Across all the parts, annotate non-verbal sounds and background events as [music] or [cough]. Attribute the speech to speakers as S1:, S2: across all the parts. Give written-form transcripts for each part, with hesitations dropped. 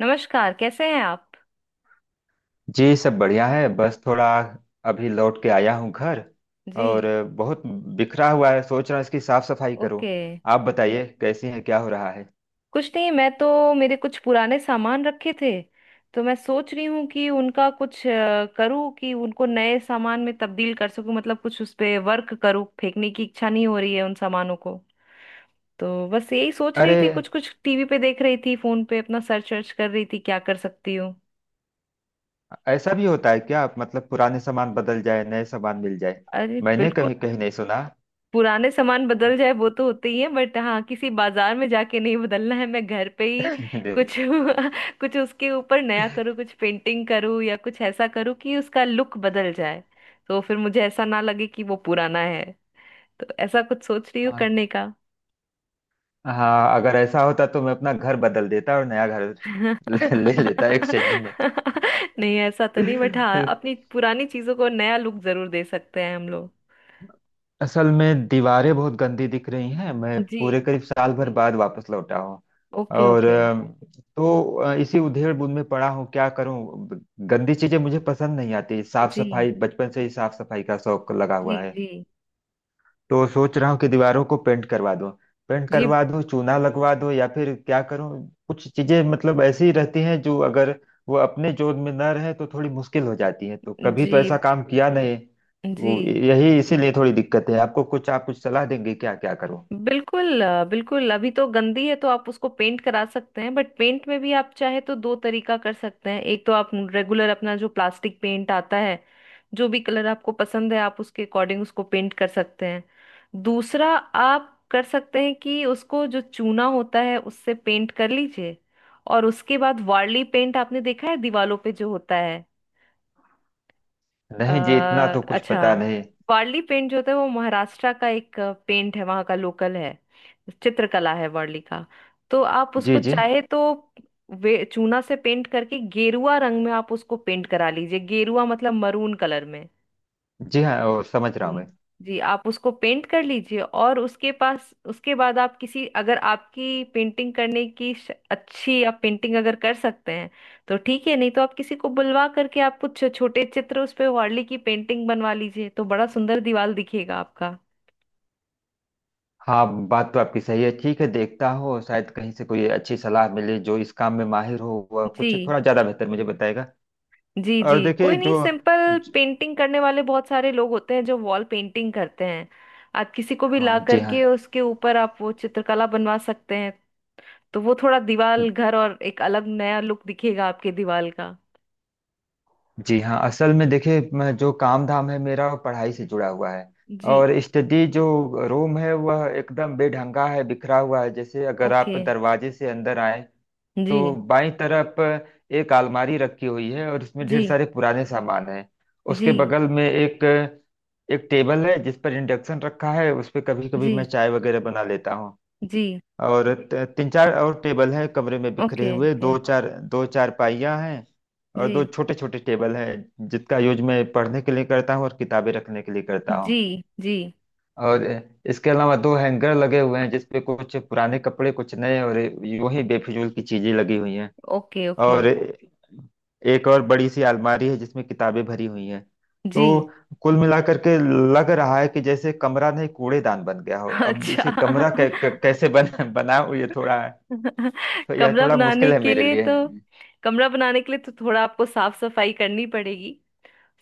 S1: नमस्कार, कैसे हैं आप।
S2: जी सब बढ़िया है, बस थोड़ा अभी लौट के आया हूँ घर।
S1: जी।
S2: और बहुत बिखरा हुआ है, सोच रहा हूँ इसकी साफ सफाई करो।
S1: ओके।
S2: आप बताइए कैसी है, क्या हो रहा है।
S1: कुछ नहीं, मैं तो मेरे कुछ पुराने सामान रखे थे। तो मैं सोच रही हूँ कि उनका कुछ करूँ कि उनको नए सामान में तब्दील कर सकूँ, मतलब कुछ उस पे वर्क करूँ। फेंकने की इच्छा नहीं हो रही है उन सामानों को। तो बस यही सोच रही
S2: अरे!
S1: थी, कुछ कुछ टीवी पे देख रही थी, फोन पे अपना सर्च वर्च कर रही थी क्या कर सकती हूँ।
S2: ऐसा भी होता है क्या? मतलब पुराने सामान बदल जाए, नए सामान मिल जाए?
S1: अरे
S2: मैंने
S1: बिल्कुल।
S2: कभी कहीं नहीं सुना।
S1: पुराने सामान बदल जाए वो तो होते ही है, बट हाँ किसी बाजार में जाके नहीं बदलना है, मैं घर पे ही
S2: [laughs]
S1: कुछ [laughs] कुछ उसके ऊपर नया करूँ, कुछ पेंटिंग करूँ या कुछ ऐसा करूँ कि उसका लुक बदल जाए। तो फिर मुझे ऐसा ना लगे कि वो पुराना है। तो ऐसा कुछ सोच रही हूँ
S2: हाँ।
S1: करने का।
S2: हाँ, अगर ऐसा होता तो मैं अपना घर बदल देता और नया घर। [laughs]
S1: [laughs]
S2: ले लेता एक्सचेंज में।
S1: नहीं ऐसा तो नहीं, बट हाँ
S2: [laughs]
S1: अपनी पुरानी चीजों को नया लुक जरूर दे सकते हैं हम लोग।
S2: असल में दीवारें बहुत गंदी दिख रही हैं, मैं
S1: जी।
S2: पूरे करीब साल भर बाद वापस लौटा हूँ।
S1: ओके
S2: और
S1: ओके।
S2: तो इसी उधेड़बुन में पड़ा हूँ क्या करूँ। गंदी चीजें मुझे पसंद नहीं आती। साफ
S1: जी
S2: सफाई बचपन से ही, साफ सफाई का शौक लगा
S1: जी।
S2: हुआ है।
S1: जी
S2: तो सोच रहा हूँ कि दीवारों को पेंट करवा दूं। पेंट
S1: जी।
S2: करवा दूं, चूना लगवा दूं, या फिर क्या करूं। कुछ चीजें मतलब ऐसी रहती हैं जो अगर वो अपने जोन में न रहे तो थोड़ी मुश्किल हो जाती है। तो कभी तो ऐसा
S1: जी
S2: काम किया नहीं।
S1: जी।
S2: वो यही, इसीलिए थोड़ी दिक्कत है। आपको कुछ, आप कुछ सलाह देंगे क्या, क्या करूं।
S1: बिल्कुल। बिल्कुल, अभी तो गंदी है तो आप उसको पेंट करा सकते हैं। बट पेंट में भी आप चाहे तो दो तरीका कर सकते हैं। एक तो आप रेगुलर अपना जो प्लास्टिक पेंट आता है, जो भी कलर आपको पसंद है आप उसके अकॉर्डिंग उसको पेंट कर सकते हैं। दूसरा आप कर सकते हैं कि उसको जो चूना होता है उससे पेंट कर लीजिए। और उसके बाद वार्ली पेंट आपने देखा है दीवारों पे जो होता है। अ,
S2: नहीं जी, इतना तो कुछ
S1: अच्छा।
S2: पता नहीं।
S1: वारली पेंट जो होता है वो महाराष्ट्र का एक पेंट है, वहाँ का लोकल है। चित्रकला है वारली का। तो आप
S2: जी
S1: उसको
S2: जी।
S1: चाहे तो वे चूना से पेंट करके गेरुआ रंग में आप उसको पेंट करा लीजिए। गेरुआ मतलब मरून कलर में।
S2: जी हाँ, और समझ रहा हूँ
S1: जी।
S2: मैं।
S1: जी, आप उसको पेंट कर लीजिए, और उसके पास उसके बाद आप किसी अगर आपकी पेंटिंग करने की अच्छी आप पेंटिंग अगर कर सकते हैं तो ठीक है, नहीं तो आप किसी को बुलवा करके आप कुछ छोटे चित्र उस पे वार्ली की पेंटिंग बनवा लीजिए, तो बड़ा सुंदर दीवार दिखेगा आपका।
S2: हाँ, बात तो आपकी सही है। ठीक है, देखता हूँ, शायद कहीं से कोई अच्छी सलाह मिले, जो इस काम में माहिर हो वह कुछ
S1: जी।
S2: थोड़ा ज्यादा बेहतर मुझे बताएगा।
S1: जी जी,
S2: और देखिए
S1: कोई नहीं,
S2: जो
S1: सिंपल
S2: ज-
S1: पेंटिंग करने वाले बहुत सारे लोग होते हैं जो वॉल पेंटिंग करते हैं। आप किसी को भी ला
S2: हाँ जी हाँ।
S1: करके उसके ऊपर आप वो चित्रकला बनवा सकते हैं। तो वो थोड़ा दीवाल घर और एक अलग नया लुक दिखेगा आपके दीवाल का।
S2: जी हाँ, असल में देखिए, जो काम धाम है मेरा वो पढ़ाई से जुड़ा हुआ है।
S1: जी।
S2: और स्टडी जो रूम है, वह एकदम बेढंगा है, बिखरा हुआ है। जैसे अगर
S1: ओके।
S2: आप दरवाजे से अंदर आए तो
S1: जी।
S2: बाईं तरफ एक अलमारी रखी हुई है, और उसमें
S1: जी
S2: ढेर सारे पुराने सामान हैं।
S1: जी।
S2: उसके बगल में एक एक टेबल है जिस पर इंडक्शन रखा है, उस पर कभी कभी
S1: जी।
S2: मैं चाय वगैरह बना लेता हूँ।
S1: जी
S2: और तीन चार और टेबल है कमरे में बिखरे
S1: ओके
S2: हुए,
S1: ओके।
S2: दो चार पाइयाँ हैं। और दो
S1: जी
S2: छोटे छोटे टेबल हैं जिसका यूज मैं पढ़ने के लिए करता हूँ और किताबें रखने के लिए करता हूँ।
S1: जी। जी
S2: और इसके अलावा दो हैंगर लगे हुए हैं जिसपे कुछ पुराने कपड़े, कुछ नए, और यूं ही बेफिजूल की चीजें लगी हुई हैं।
S1: Okay okay.
S2: और एक और बड़ी सी अलमारी है जिसमें किताबें भरी हुई हैं। तो
S1: जी।
S2: कुल मिलाकर के लग रहा है कि जैसे कमरा नहीं कूड़ेदान बन गया हो। अब
S1: अच्छा।
S2: इसे कमरा कै, कै, कैसे बन, [laughs] बनाऊं, ये थोड़ा।
S1: [laughs]
S2: तो यह
S1: कमरा
S2: थोड़ा
S1: बनाने
S2: मुश्किल है
S1: के
S2: मेरे
S1: लिए
S2: लिए।
S1: तो कमरा बनाने के लिए तो थोड़ा आपको साफ सफाई करनी पड़ेगी।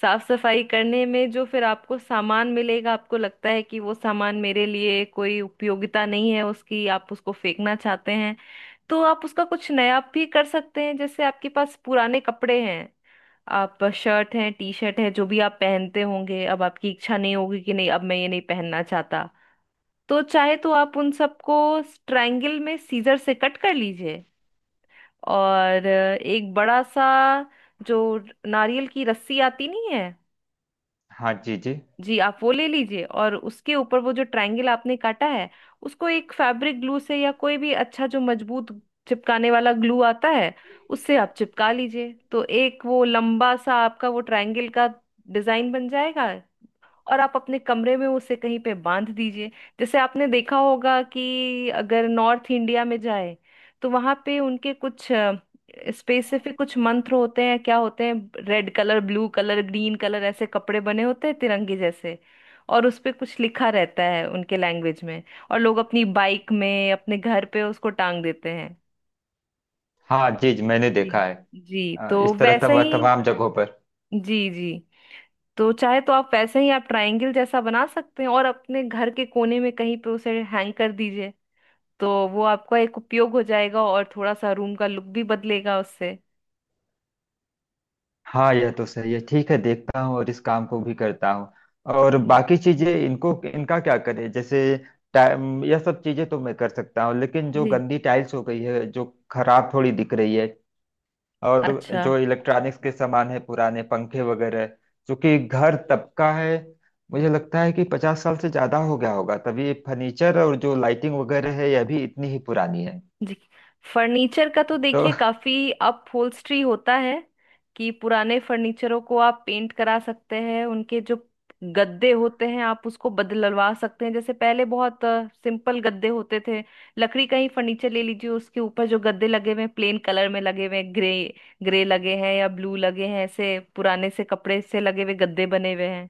S1: साफ सफाई करने में जो फिर आपको सामान मिलेगा, आपको लगता है कि वो सामान मेरे लिए कोई उपयोगिता नहीं है उसकी, आप उसको फेंकना चाहते हैं, तो आप उसका कुछ नया भी कर सकते हैं। जैसे आपके पास पुराने कपड़े हैं, आप शर्ट है टी शर्ट है जो भी आप पहनते होंगे, अब आपकी इच्छा नहीं होगी कि नहीं अब मैं ये नहीं पहनना चाहता, तो चाहे तो आप उन सबको ट्रायंगल में सीजर से कट कर लीजिए। और एक बड़ा सा जो नारियल की रस्सी आती नहीं है,
S2: हाँ जी जी।
S1: जी, आप वो ले लीजिए और उसके ऊपर वो जो ट्रायंगल आपने काटा है उसको एक फैब्रिक ग्लू से या कोई भी अच्छा जो मजबूत चिपकाने वाला ग्लू आता है उससे आप चिपका लीजिए। तो एक वो लंबा सा आपका वो ट्रायंगल का डिजाइन बन जाएगा। और आप अपने कमरे में उसे कहीं पे बांध दीजिए। जैसे आपने देखा होगा कि अगर नॉर्थ इंडिया में जाए तो वहां पे उनके कुछ स्पेसिफिक कुछ मंत्र होते हैं। क्या होते हैं, red colour blue colour green colour ऐसे कपड़े बने होते हैं तिरंगे जैसे, और उस पे कुछ लिखा रहता है उनके लैंग्वेज में, और लोग अपनी बाइक में अपने घर पे उसको टांग देते हैं।
S2: हाँ जी जी, मैंने
S1: जी।
S2: देखा है।
S1: जी, तो
S2: इस तरह
S1: वैसा
S2: तब
S1: ही
S2: तमाम जगहों पर।
S1: जी जी, तो चाहे तो आप वैसे ही आप ट्रायंगल जैसा बना सकते हैं और अपने घर के कोने में कहीं पे उसे हैंग कर दीजिए। तो वो आपका एक उपयोग हो जाएगा और थोड़ा सा रूम का लुक भी बदलेगा उससे।
S2: हाँ, यह तो सही है। ठीक है, देखता हूँ और इस काम को भी करता हूँ। और
S1: जी।
S2: बाकी चीजें, इनको इनका क्या करें, जैसे टाइम। यह सब चीजें तो मैं कर सकता हूँ, लेकिन जो
S1: जी।
S2: गंदी टाइल्स हो गई है, जो खराब थोड़ी दिख रही है। और
S1: अच्छा।
S2: जो इलेक्ट्रॉनिक्स के सामान है, पुराने पंखे वगैरह, क्योंकि घर तबका है। मुझे लगता है कि 50 साल से ज्यादा हो गया होगा, तभी फर्नीचर और जो लाइटिंग वगैरह है यह भी इतनी ही पुरानी है।
S1: जी, फर्नीचर का तो
S2: तो
S1: देखिए काफी अपहोल्स्ट्री होता है कि पुराने फर्नीचरों को आप पेंट करा सकते हैं। उनके जो गद्दे होते हैं आप उसको बदलवा सकते हैं, जैसे पहले बहुत सिंपल गद्दे होते थे। लकड़ी का ही फर्नीचर ले लीजिए, उसके ऊपर जो गद्दे लगे हुए हैं प्लेन कलर में लगे हुए हैं, ग्रे ग्रे लगे हैं या ब्लू लगे हैं, ऐसे पुराने से कपड़े से लगे हुए गद्दे बने हुए हैं।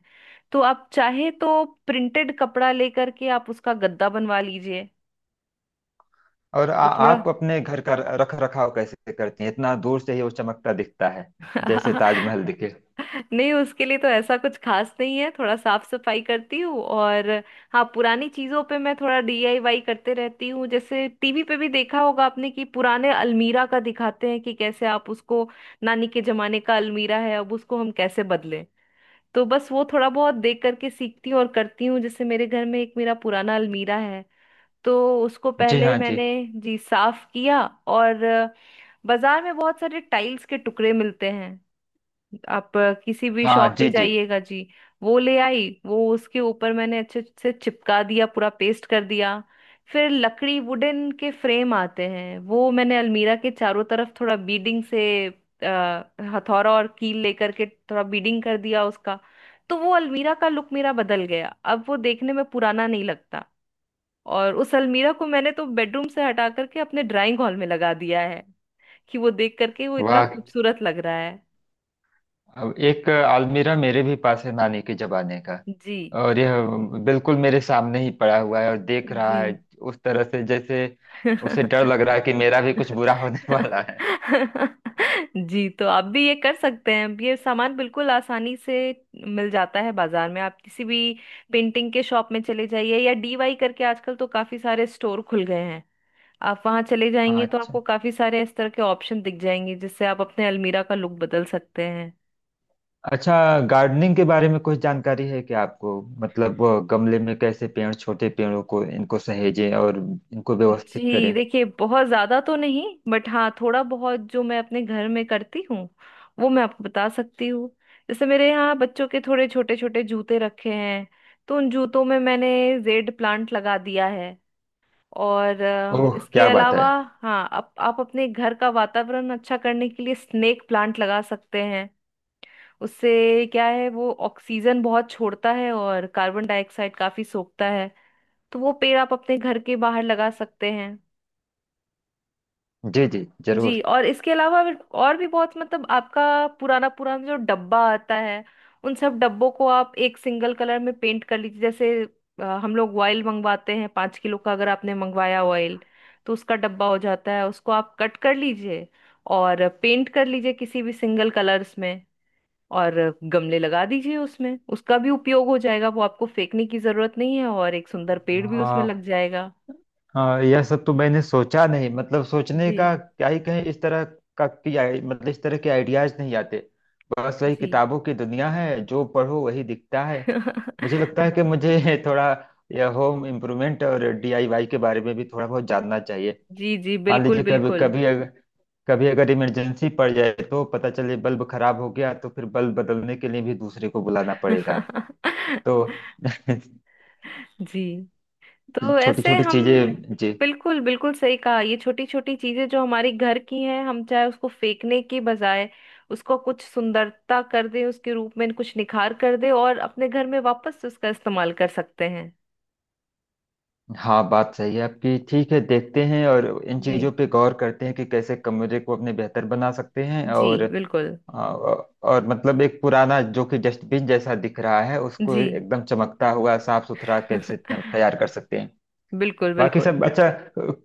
S1: तो आप चाहे तो प्रिंटेड कपड़ा लेकर के आप उसका गद्दा बनवा लीजिए,
S2: और
S1: तो थोड़ा।
S2: आप अपने घर का रख रखाव कैसे करती हैं, इतना दूर से ही वो चमकता दिखता है, जैसे ताजमहल दिखे।
S1: [laughs] नहीं, उसके लिए तो ऐसा कुछ खास नहीं है, थोड़ा साफ सफाई करती हूँ। और हाँ, पुरानी चीजों पे मैं थोड़ा डीआईवाई करते रहती हूँ। जैसे टीवी पे भी देखा होगा आपने कि पुराने अलमीरा का दिखाते हैं कि कैसे आप उसको, नानी के जमाने का अलमीरा है अब उसको हम कैसे बदलें। तो बस वो थोड़ा बहुत देख करके सीखती हूँ और करती हूँ। जैसे मेरे घर में एक मेरा पुराना अलमीरा है, तो उसको
S2: जी
S1: पहले
S2: हाँ। जी
S1: मैंने, जी, साफ किया, और बाजार में बहुत सारे टाइल्स के टुकड़े मिलते हैं, आप किसी भी
S2: हाँ।
S1: शॉप में
S2: जी जी।
S1: जाइएगा जी, वो ले आई। वो उसके ऊपर मैंने अच्छे से चिपका दिया, पूरा पेस्ट कर दिया। फिर लकड़ी वुडन के फ्रेम आते हैं, वो मैंने अलमीरा के चारों तरफ थोड़ा बीडिंग से हथौड़ा और कील लेकर के थोड़ा बीडिंग कर दिया उसका। तो वो अलमीरा का लुक मेरा बदल गया, अब वो देखने में पुराना नहीं लगता। और उस अलमीरा को मैंने तो बेडरूम से हटा करके अपने ड्राइंग हॉल में लगा दिया है, कि वो देख करके वो इतना
S2: वाह।
S1: खूबसूरत लग रहा है।
S2: अब एक अलमीरा मेरे भी पास है नानी के जमाने का,
S1: जी।
S2: और यह बिल्कुल मेरे सामने ही पड़ा हुआ है, और देख रहा
S1: जी
S2: है उस तरह से जैसे उसे डर लग रहा है कि मेरा भी कुछ बुरा होने [laughs] वाला है।
S1: जी, तो आप भी ये कर सकते हैं। ये सामान बिल्कुल आसानी से मिल जाता है बाजार में, आप किसी भी पेंटिंग के शॉप में चले जाइए, या डीवाई करके आजकल तो काफी सारे स्टोर खुल गए हैं, आप वहां चले जाएंगे
S2: हाँ।
S1: तो
S2: अच्छा।
S1: आपको काफी सारे इस तरह के ऑप्शन दिख जाएंगे जिससे आप अपने अलमीरा का लुक बदल सकते हैं।
S2: अच्छा, गार्डनिंग के बारे में कुछ जानकारी है क्या आपको? मतलब वो गमले में कैसे पेड़, छोटे पेड़ों को इनको सहेजें और इनको व्यवस्थित
S1: जी
S2: करें।
S1: देखिए बहुत ज्यादा तो नहीं, बट हाँ थोड़ा बहुत जो मैं अपने घर में करती हूँ वो मैं आपको बता सकती हूँ। जैसे मेरे यहाँ बच्चों के थोड़े छोटे छोटे जूते रखे हैं, तो उन जूतों में मैंने जेड प्लांट लगा दिया है। और
S2: ओह,
S1: इसके
S2: क्या बात है!
S1: अलावा हाँ, आप अपने घर का वातावरण अच्छा करने के लिए स्नेक प्लांट लगा सकते हैं। उससे क्या है, वो ऑक्सीजन बहुत छोड़ता है और कार्बन डाइऑक्साइड काफी सोखता है। तो वो पेड़ आप अपने घर के बाहर लगा सकते हैं।
S2: जी जी
S1: जी,
S2: जरूर।
S1: और इसके अलावा और भी बहुत, मतलब आपका पुराना पुराना जो डब्बा आता है, उन सब डब्बों को आप एक सिंगल कलर में पेंट कर लीजिए। जैसे हम लोग ऑयल मंगवाते हैं 5 किलो का, अगर आपने मंगवाया ऑयल तो उसका डब्बा हो जाता है, उसको आप कट कर लीजिए और पेंट कर लीजिए किसी भी सिंगल कलर्स में, और गमले लगा दीजिए उसमें। उसका भी उपयोग हो जाएगा, वो आपको फेंकने की जरूरत नहीं है, और एक सुंदर पेड़ भी उसमें
S2: वाह।
S1: लग जाएगा।
S2: हाँ यह सब तो मैंने सोचा नहीं। मतलब सोचने
S1: जी
S2: का क्या ही कहें, इस तरह का कि मतलब इस तरह के आइडियाज नहीं आते। बस वही
S1: जी।
S2: किताबों की दुनिया है, जो पढ़ो वही दिखता है। मुझे
S1: [laughs]
S2: लगता है कि मुझे [laughs] थोड़ा यह होम इम्प्रूवमेंट और DIY के बारे में भी थोड़ा बहुत जानना चाहिए।
S1: जी जी,
S2: मान
S1: बिल्कुल
S2: लीजिए कभी
S1: बिल्कुल।
S2: कभी अगर, कभी अगर इमरजेंसी पड़ जाए, तो पता चले बल्ब खराब हो गया, तो फिर बल्ब बदलने के लिए भी दूसरे को बुलाना पड़ेगा। तो
S1: [laughs]
S2: [laughs]
S1: जी, तो
S2: छोटी
S1: ऐसे
S2: छोटी
S1: हम
S2: चीजें जी।
S1: बिल्कुल बिल्कुल सही कहा। ये छोटी छोटी चीजें जो हमारी घर की हैं, हम चाहे उसको फेंकने की बजाय उसको कुछ सुंदरता कर दें, उसके रूप में कुछ निखार कर दें, और अपने घर में वापस से उसका इस्तेमाल कर सकते हैं।
S2: हाँ, बात सही है आपकी। ठीक है, देखते हैं और इन चीज़ों
S1: जी।
S2: पे गौर करते हैं कि कैसे कमरे को अपने बेहतर बना सकते हैं।
S1: जी
S2: और
S1: बिल्कुल।
S2: आ, और मतलब एक पुराना जो कि डस्टबिन जैसा दिख रहा है उसको
S1: जी।
S2: एकदम चमकता हुआ साफ सुथरा कैसे
S1: [laughs]
S2: तैयार कर सकते हैं।
S1: बिल्कुल
S2: बाकी
S1: बिल्कुल।
S2: सब अच्छा।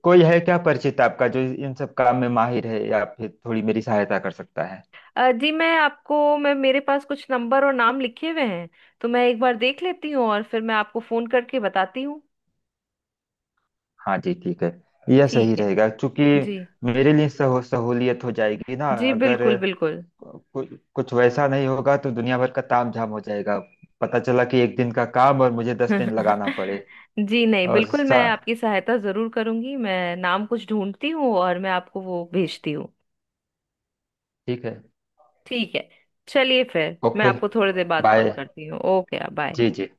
S2: कोई है क्या परिचित आपका जो इन सब काम में माहिर है या फिर थोड़ी मेरी सहायता कर सकता है?
S1: जी, मैं मेरे पास कुछ नंबर और नाम लिखे हुए हैं, तो मैं एक बार देख लेती हूँ और फिर मैं आपको फोन करके बताती हूँ।
S2: हाँ जी, ठीक है। यह सही
S1: ठीक है।
S2: रहेगा क्योंकि
S1: जी।
S2: मेरे लिए सहूलियत हो जाएगी ना,
S1: जी
S2: अगर
S1: बिल्कुल बिल्कुल।
S2: कुछ, कुछ वैसा नहीं होगा तो दुनिया भर का तामझाम हो जाएगा। पता चला कि एक दिन का काम और मुझे 10 दिन लगाना पड़े।
S1: [laughs] जी नहीं,
S2: और
S1: बिल्कुल मैं
S2: सा
S1: आपकी सहायता जरूर करूंगी, मैं नाम कुछ ढूंढती हूँ और मैं आपको वो भेजती हूँ।
S2: ठीक है।
S1: ठीक है। चलिए, फिर मैं
S2: ओके
S1: आपको थोड़ी देर बाद कॉल
S2: बाय।
S1: करती हूँ। Okay, bye.
S2: जी जी।